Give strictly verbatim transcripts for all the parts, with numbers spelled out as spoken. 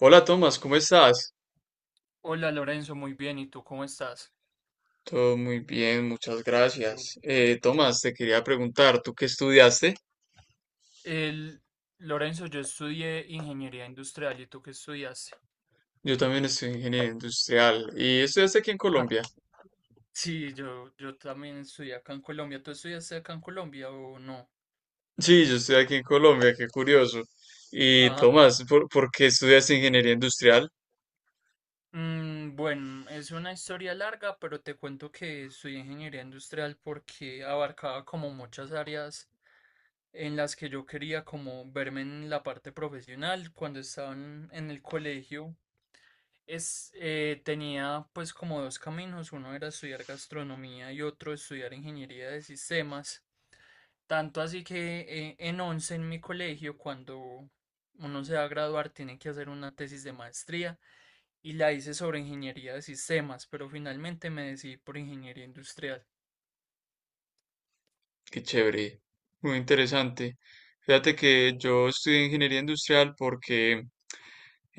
Hola Tomás, ¿cómo estás? Hola Lorenzo, muy bien. ¿Y tú cómo estás? Todo muy bien, muchas Qué bueno. gracias. Eh, Tomás, te quería preguntar, ¿tú qué estudiaste? El, Lorenzo, yo estudié ingeniería industrial. ¿Y tú qué estudiaste? Yo también estoy ingeniería industrial y estudiaste aquí en Ah, Colombia. sí, yo, yo también estudié acá en Colombia. ¿Tú estudiaste acá en Colombia o no? Sí, yo estoy aquí en Colombia, qué curioso. Y Ah, Tomás, ¿por, por qué estudiaste ingeniería industrial? mm, bueno, es una historia larga, pero te cuento que estudié ingeniería industrial porque abarcaba como muchas áreas en las que yo quería como verme en la parte profesional. Cuando estaba en en el colegio, Es, eh, tenía pues como dos caminos, uno era estudiar gastronomía y otro estudiar ingeniería de sistemas. Tanto así que eh, en once en mi colegio, cuando uno se va a graduar, tiene que hacer una tesis de maestría y la hice sobre ingeniería de sistemas, pero finalmente me decidí por ingeniería industrial. Qué chévere, muy interesante. Fíjate que yo estudié ingeniería industrial porque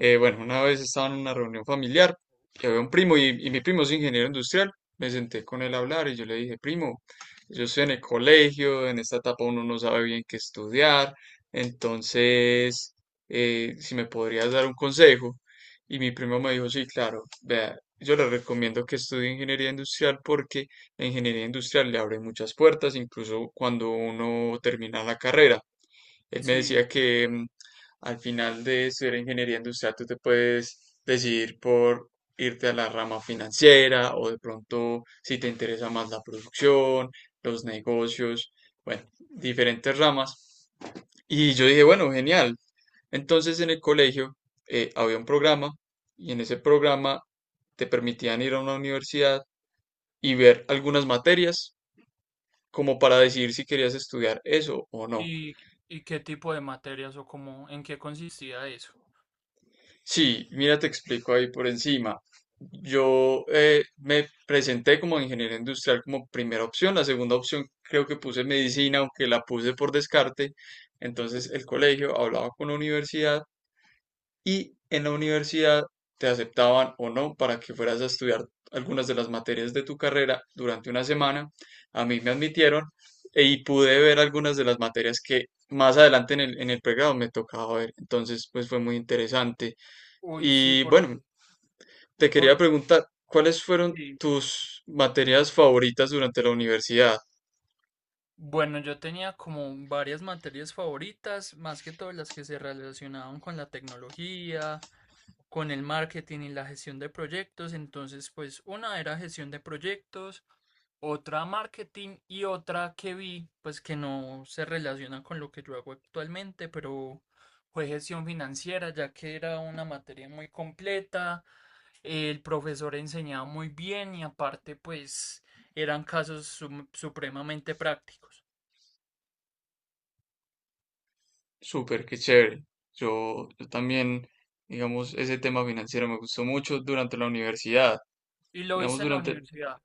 Eh, bueno, una vez estaba en una reunión familiar que había un primo y, y mi primo es ingeniero industrial. Me senté con él a hablar y yo le dije, primo, yo estoy en el colegio, en esta etapa uno no sabe bien qué estudiar, entonces, eh, si me podrías dar un consejo. Y mi primo me dijo, sí, claro, vea, yo le recomiendo que estudie ingeniería industrial porque la ingeniería industrial le abre muchas puertas, incluso cuando uno termina la carrera. Él me decía Sí, que mm, al final de estudiar ingeniería industrial tú te puedes decidir por irte a la rama financiera o de pronto si te interesa más la producción, los negocios, bueno, diferentes ramas. Y yo dije, bueno, genial. Entonces en el colegio eh, había un programa y en ese programa te permitían ir a una universidad y ver algunas materias como para decidir si querías estudiar eso o no. ¿y, y qué tipo de materias o cómo, en qué consistía eso? Sí, mira, te explico ahí por encima. Yo eh, me presenté como ingeniero industrial como primera opción. La segunda opción creo que puse medicina, aunque la puse por descarte. Entonces el colegio hablaba con la universidad y en la universidad te aceptaban o no para que fueras a estudiar algunas de las materias de tu carrera durante una semana. A mí me admitieron e- y pude ver algunas de las materias que más adelante en el, en el pregrado me tocaba ver. Entonces, pues fue muy interesante. Uy, sí, Y por, bueno, te quería por, preguntar, ¿cuáles fueron sí. tus materias favoritas durante la universidad? Bueno, yo tenía como varias materias favoritas, más que todas las que se relacionaban con la tecnología, con el marketing y la gestión de proyectos. Entonces, pues una era gestión de proyectos, otra marketing y otra que vi, pues que no se relaciona con lo que yo hago actualmente, pero fue gestión financiera, ya que era una materia muy completa, el profesor enseñaba muy bien y aparte, pues eran casos sum- supremamente prácticos. Súper, qué chévere. Yo, yo también, digamos, ese tema financiero me gustó mucho durante la universidad. Y lo Digamos, hice en la durante universidad,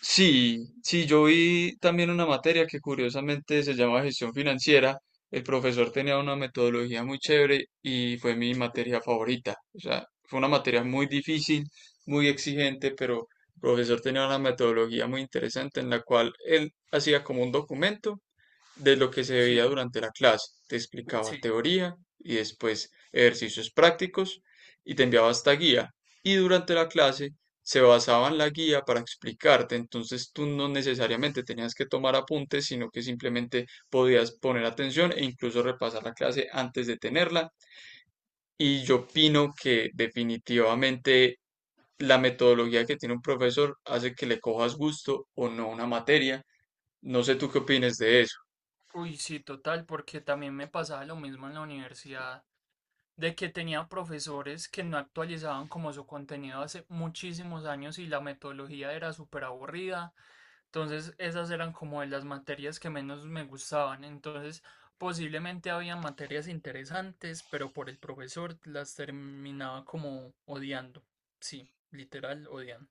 Sí, sí, yo vi también una materia que curiosamente se llama gestión financiera. El profesor tenía una metodología muy chévere y fue mi materia favorita. O sea, fue una materia muy difícil, muy exigente, pero el profesor tenía una metodología muy interesante en la cual él hacía como un documento de lo que se sí, veía durante la clase. Te explicaba sí. teoría y después ejercicios prácticos y te enviaba esta guía. Y durante la clase se basaba en la guía para explicarte, entonces tú no necesariamente tenías que tomar apuntes, sino que simplemente podías poner atención e incluso repasar la clase antes de tenerla. Y yo opino que definitivamente la metodología que tiene un profesor hace que le cojas gusto o no una materia. No sé tú qué opinas de eso. Uy, sí, total, porque también me pasaba lo mismo en la universidad, de que tenía profesores que no actualizaban como su contenido hace muchísimos años y la metodología era súper aburrida. Entonces, esas eran como de las materias que menos me gustaban. Entonces, posiblemente había materias interesantes, pero por el profesor las terminaba como odiando. Sí, literal, odiando.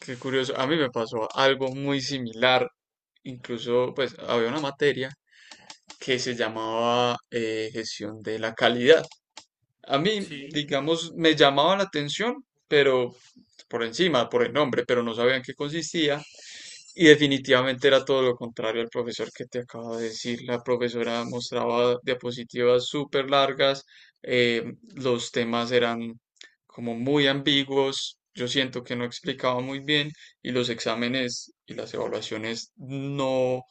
Qué curioso, a mí me pasó algo muy similar, incluso pues había una materia que se llamaba eh, gestión de la calidad. A mí, Sí, digamos, me llamaba la atención, pero por encima, por el nombre, pero no sabía en qué consistía. Y definitivamente era todo lo contrario al profesor que te acabo de decir. La profesora mostraba diapositivas súper largas, eh, los temas eran como muy ambiguos, yo siento que no explicaba muy bien y los exámenes y las evaluaciones no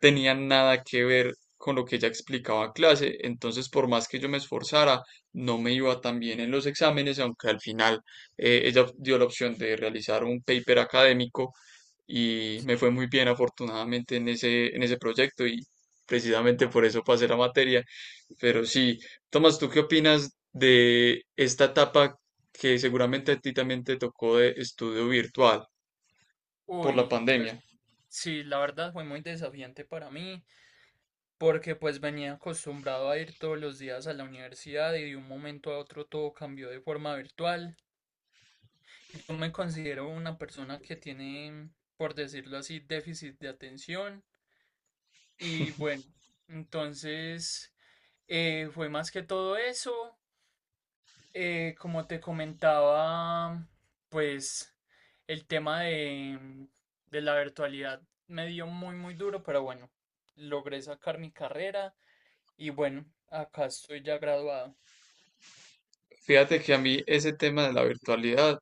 tenían nada que ver con lo que ella explicaba en clase. Entonces, por más que yo me esforzara, no me iba tan bien en los exámenes, aunque al final eh, ella dio la opción de realizar un paper académico y me sí. fue muy bien afortunadamente en ese, en ese proyecto y precisamente por eso pasé la materia. Pero sí, Tomás, ¿tú qué opinas de esta etapa que seguramente a ti también te tocó de estudio virtual por la Uy. Pues pandemia? Sí, la verdad fue muy desafiante para mí, porque pues venía acostumbrado a ir todos los días a la universidad y de un momento a otro todo cambió de forma virtual. Y yo me considero una persona que tiene, por decirlo así, déficit de atención. Y bueno, entonces eh, fue más que todo eso. Eh, como te comentaba, pues el tema de, mm, de la virtualidad me dio muy, muy duro, pero bueno, logré sacar mi carrera y bueno, acá estoy ya graduado. Fíjate que a mí ese tema de la virtualidad,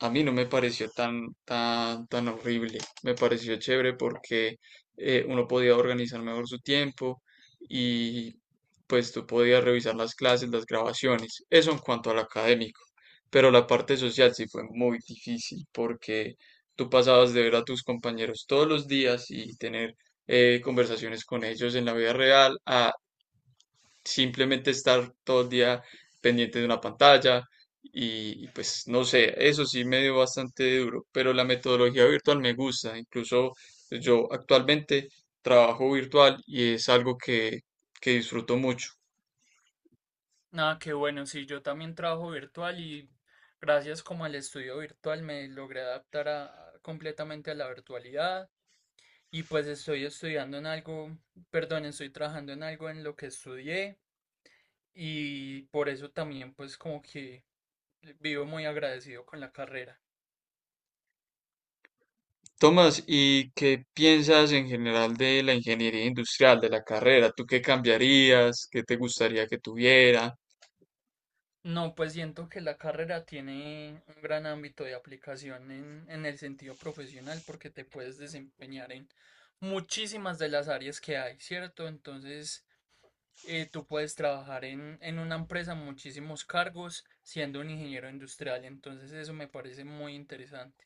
a mí no me pareció tan, tan, tan horrible. Me pareció chévere porque eh, uno podía organizar mejor su tiempo y pues tú podías revisar las clases, las grabaciones. Eso en cuanto al académico. Pero la parte social sí fue muy difícil porque tú pasabas de ver a tus compañeros todos los días y tener eh, conversaciones con ellos en la vida real a simplemente estar todo el día pendiente de una pantalla y, y, pues no sé, eso sí me dio bastante duro, pero la metodología virtual me gusta, incluso pues, yo actualmente trabajo virtual y es algo que, que disfruto mucho. Nada, que bueno, sí, yo también trabajo virtual y gracias como al estudio virtual me logré adaptar a- completamente a la virtualidad y pues estoy estudiando en algo, perdón, estoy trabajando en algo en lo que estudié y por eso también pues como que vivo muy agradecido con la carrera. Tomás, ¿y qué piensas en general de la ingeniería industrial, de la carrera? ¿Tú qué cambiarías? ¿Qué te gustaría que tuviera? No, pues siento que la carrera tiene un gran ámbito de aplicación en, en el sentido profesional porque te puedes desempeñar en muchísimas de las áreas que hay, ¿cierto? Entonces, eh, tú puedes trabajar en, en una empresa muchísimos cargos siendo un ingeniero industrial, entonces eso me parece muy interesante.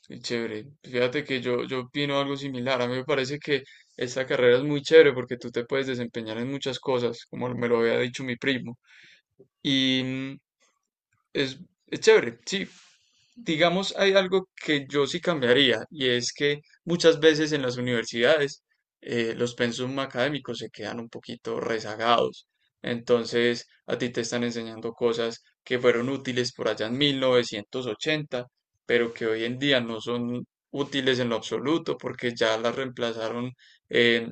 Sí, chévere. Fíjate que yo, yo opino algo similar. A mí me parece que esta carrera es muy chévere porque tú te puedes desempeñar en muchas cosas, como me lo había dicho mi primo. Y mm, es, es chévere, sí. Digamos, hay algo que yo sí cambiaría y es que muchas veces en las universidades eh, los pensum académicos se quedan un poquito rezagados. Entonces, a ti te están enseñando cosas que fueron útiles por allá en mil novecientos ochenta, pero que hoy en día no son útiles en lo absoluto porque ya las reemplazaron eh,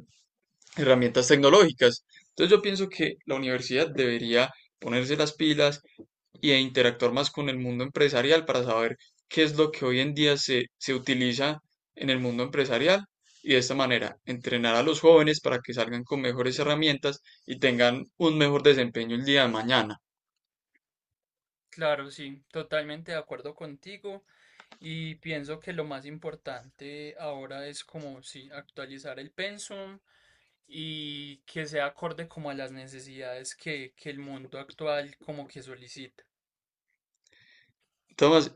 herramientas tecnológicas. Entonces, yo pienso que la universidad debería ponerse las pilas y de interactuar más con el mundo empresarial para saber qué es lo que hoy en día se, se utiliza en el mundo empresarial y de esta manera entrenar a los jóvenes para que salgan con mejores herramientas y tengan un mejor desempeño el día de mañana. Claro, sí, totalmente de acuerdo contigo. Y pienso que lo más importante ahora es como si actualizar el pensum y que sea acorde como a las necesidades que, que el mundo actual como que solicita. Tomás,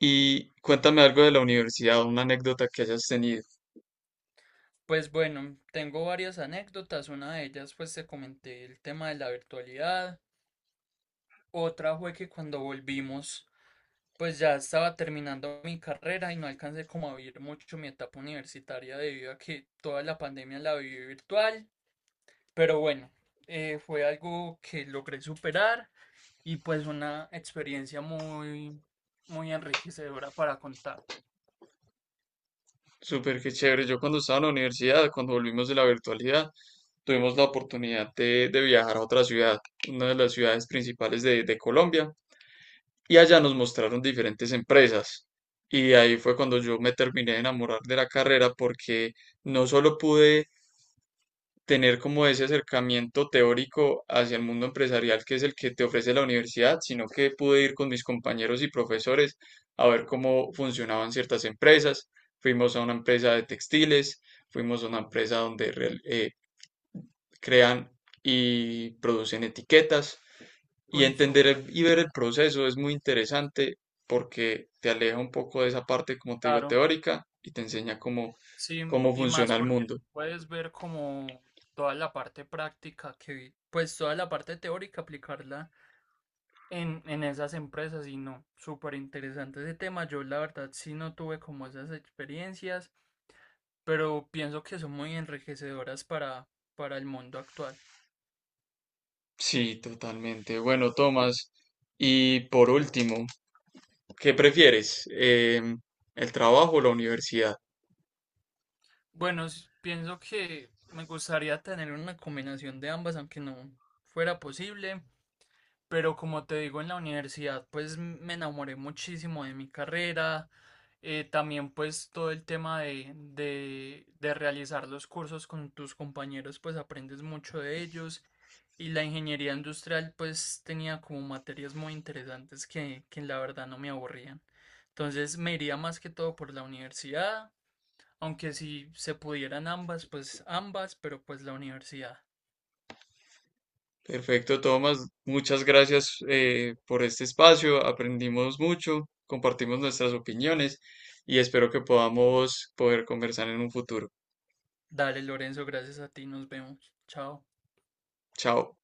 y cuéntame algo de la universidad, una anécdota que hayas tenido. Pues bueno, tengo varias anécdotas, una de ellas pues te comenté el tema de la virtualidad, otra fue que cuando volvimos pues ya estaba terminando mi carrera y no alcancé como a vivir mucho mi etapa universitaria debido a que toda la pandemia la viví virtual, pero bueno, eh, fue algo que logré superar y pues una experiencia muy, muy enriquecedora para contar. Súper que chévere. Yo cuando estaba en la universidad, cuando volvimos de la virtualidad, tuvimos la oportunidad de, de viajar a otra ciudad, una de las ciudades principales de, de Colombia, y allá nos mostraron diferentes empresas. Y ahí fue cuando yo me terminé de enamorar de la carrera porque no solo pude tener como ese acercamiento teórico hacia el mundo empresarial que es el que te ofrece la universidad, sino que pude ir con mis compañeros y profesores a ver cómo funcionaban ciertas empresas. Fuimos a una empresa de textiles, fuimos a una empresa donde real- eh, crean y producen etiquetas. Y Uy, entender súper el- Y bien, ver el proceso es muy interesante porque te aleja un poco de esa parte, como te digo, claro. teórica y te enseña cómo, Sí, cómo y más funciona el porque mundo. tú puedes ver como toda la parte práctica que, pues toda la parte teórica, aplicarla en, en esas empresas y no, súper interesante ese tema. Yo la verdad sí no tuve como esas experiencias, pero pienso que son muy enriquecedoras para, para el mundo actual. Sí, totalmente. Bueno, Tomás, y por último, ¿qué prefieres? Em, ¿el trabajo o la universidad? Bueno, s- pienso que me gustaría tener una combinación de ambas, aunque no fuera posible. Pero como te digo, en la universidad, pues m- me enamoré muchísimo de mi carrera. Eh, también pues todo el tema de, de, de realizar los cursos con tus compañeros, pues aprendes mucho de ellos. Y la ingeniería industrial pues tenía como materias muy interesantes que, que la verdad no me aburrían. Entonces me iría más que todo por la universidad. Aunque si se pudieran ambas, pues ambas, pero pues la universidad. Perfecto, Tomás. Muchas gracias eh, por este espacio. Aprendimos mucho, compartimos nuestras opiniones y espero que podamos poder conversar en un futuro. Dale, Lorenzo, gracias a ti, nos vemos. Chao. Chao.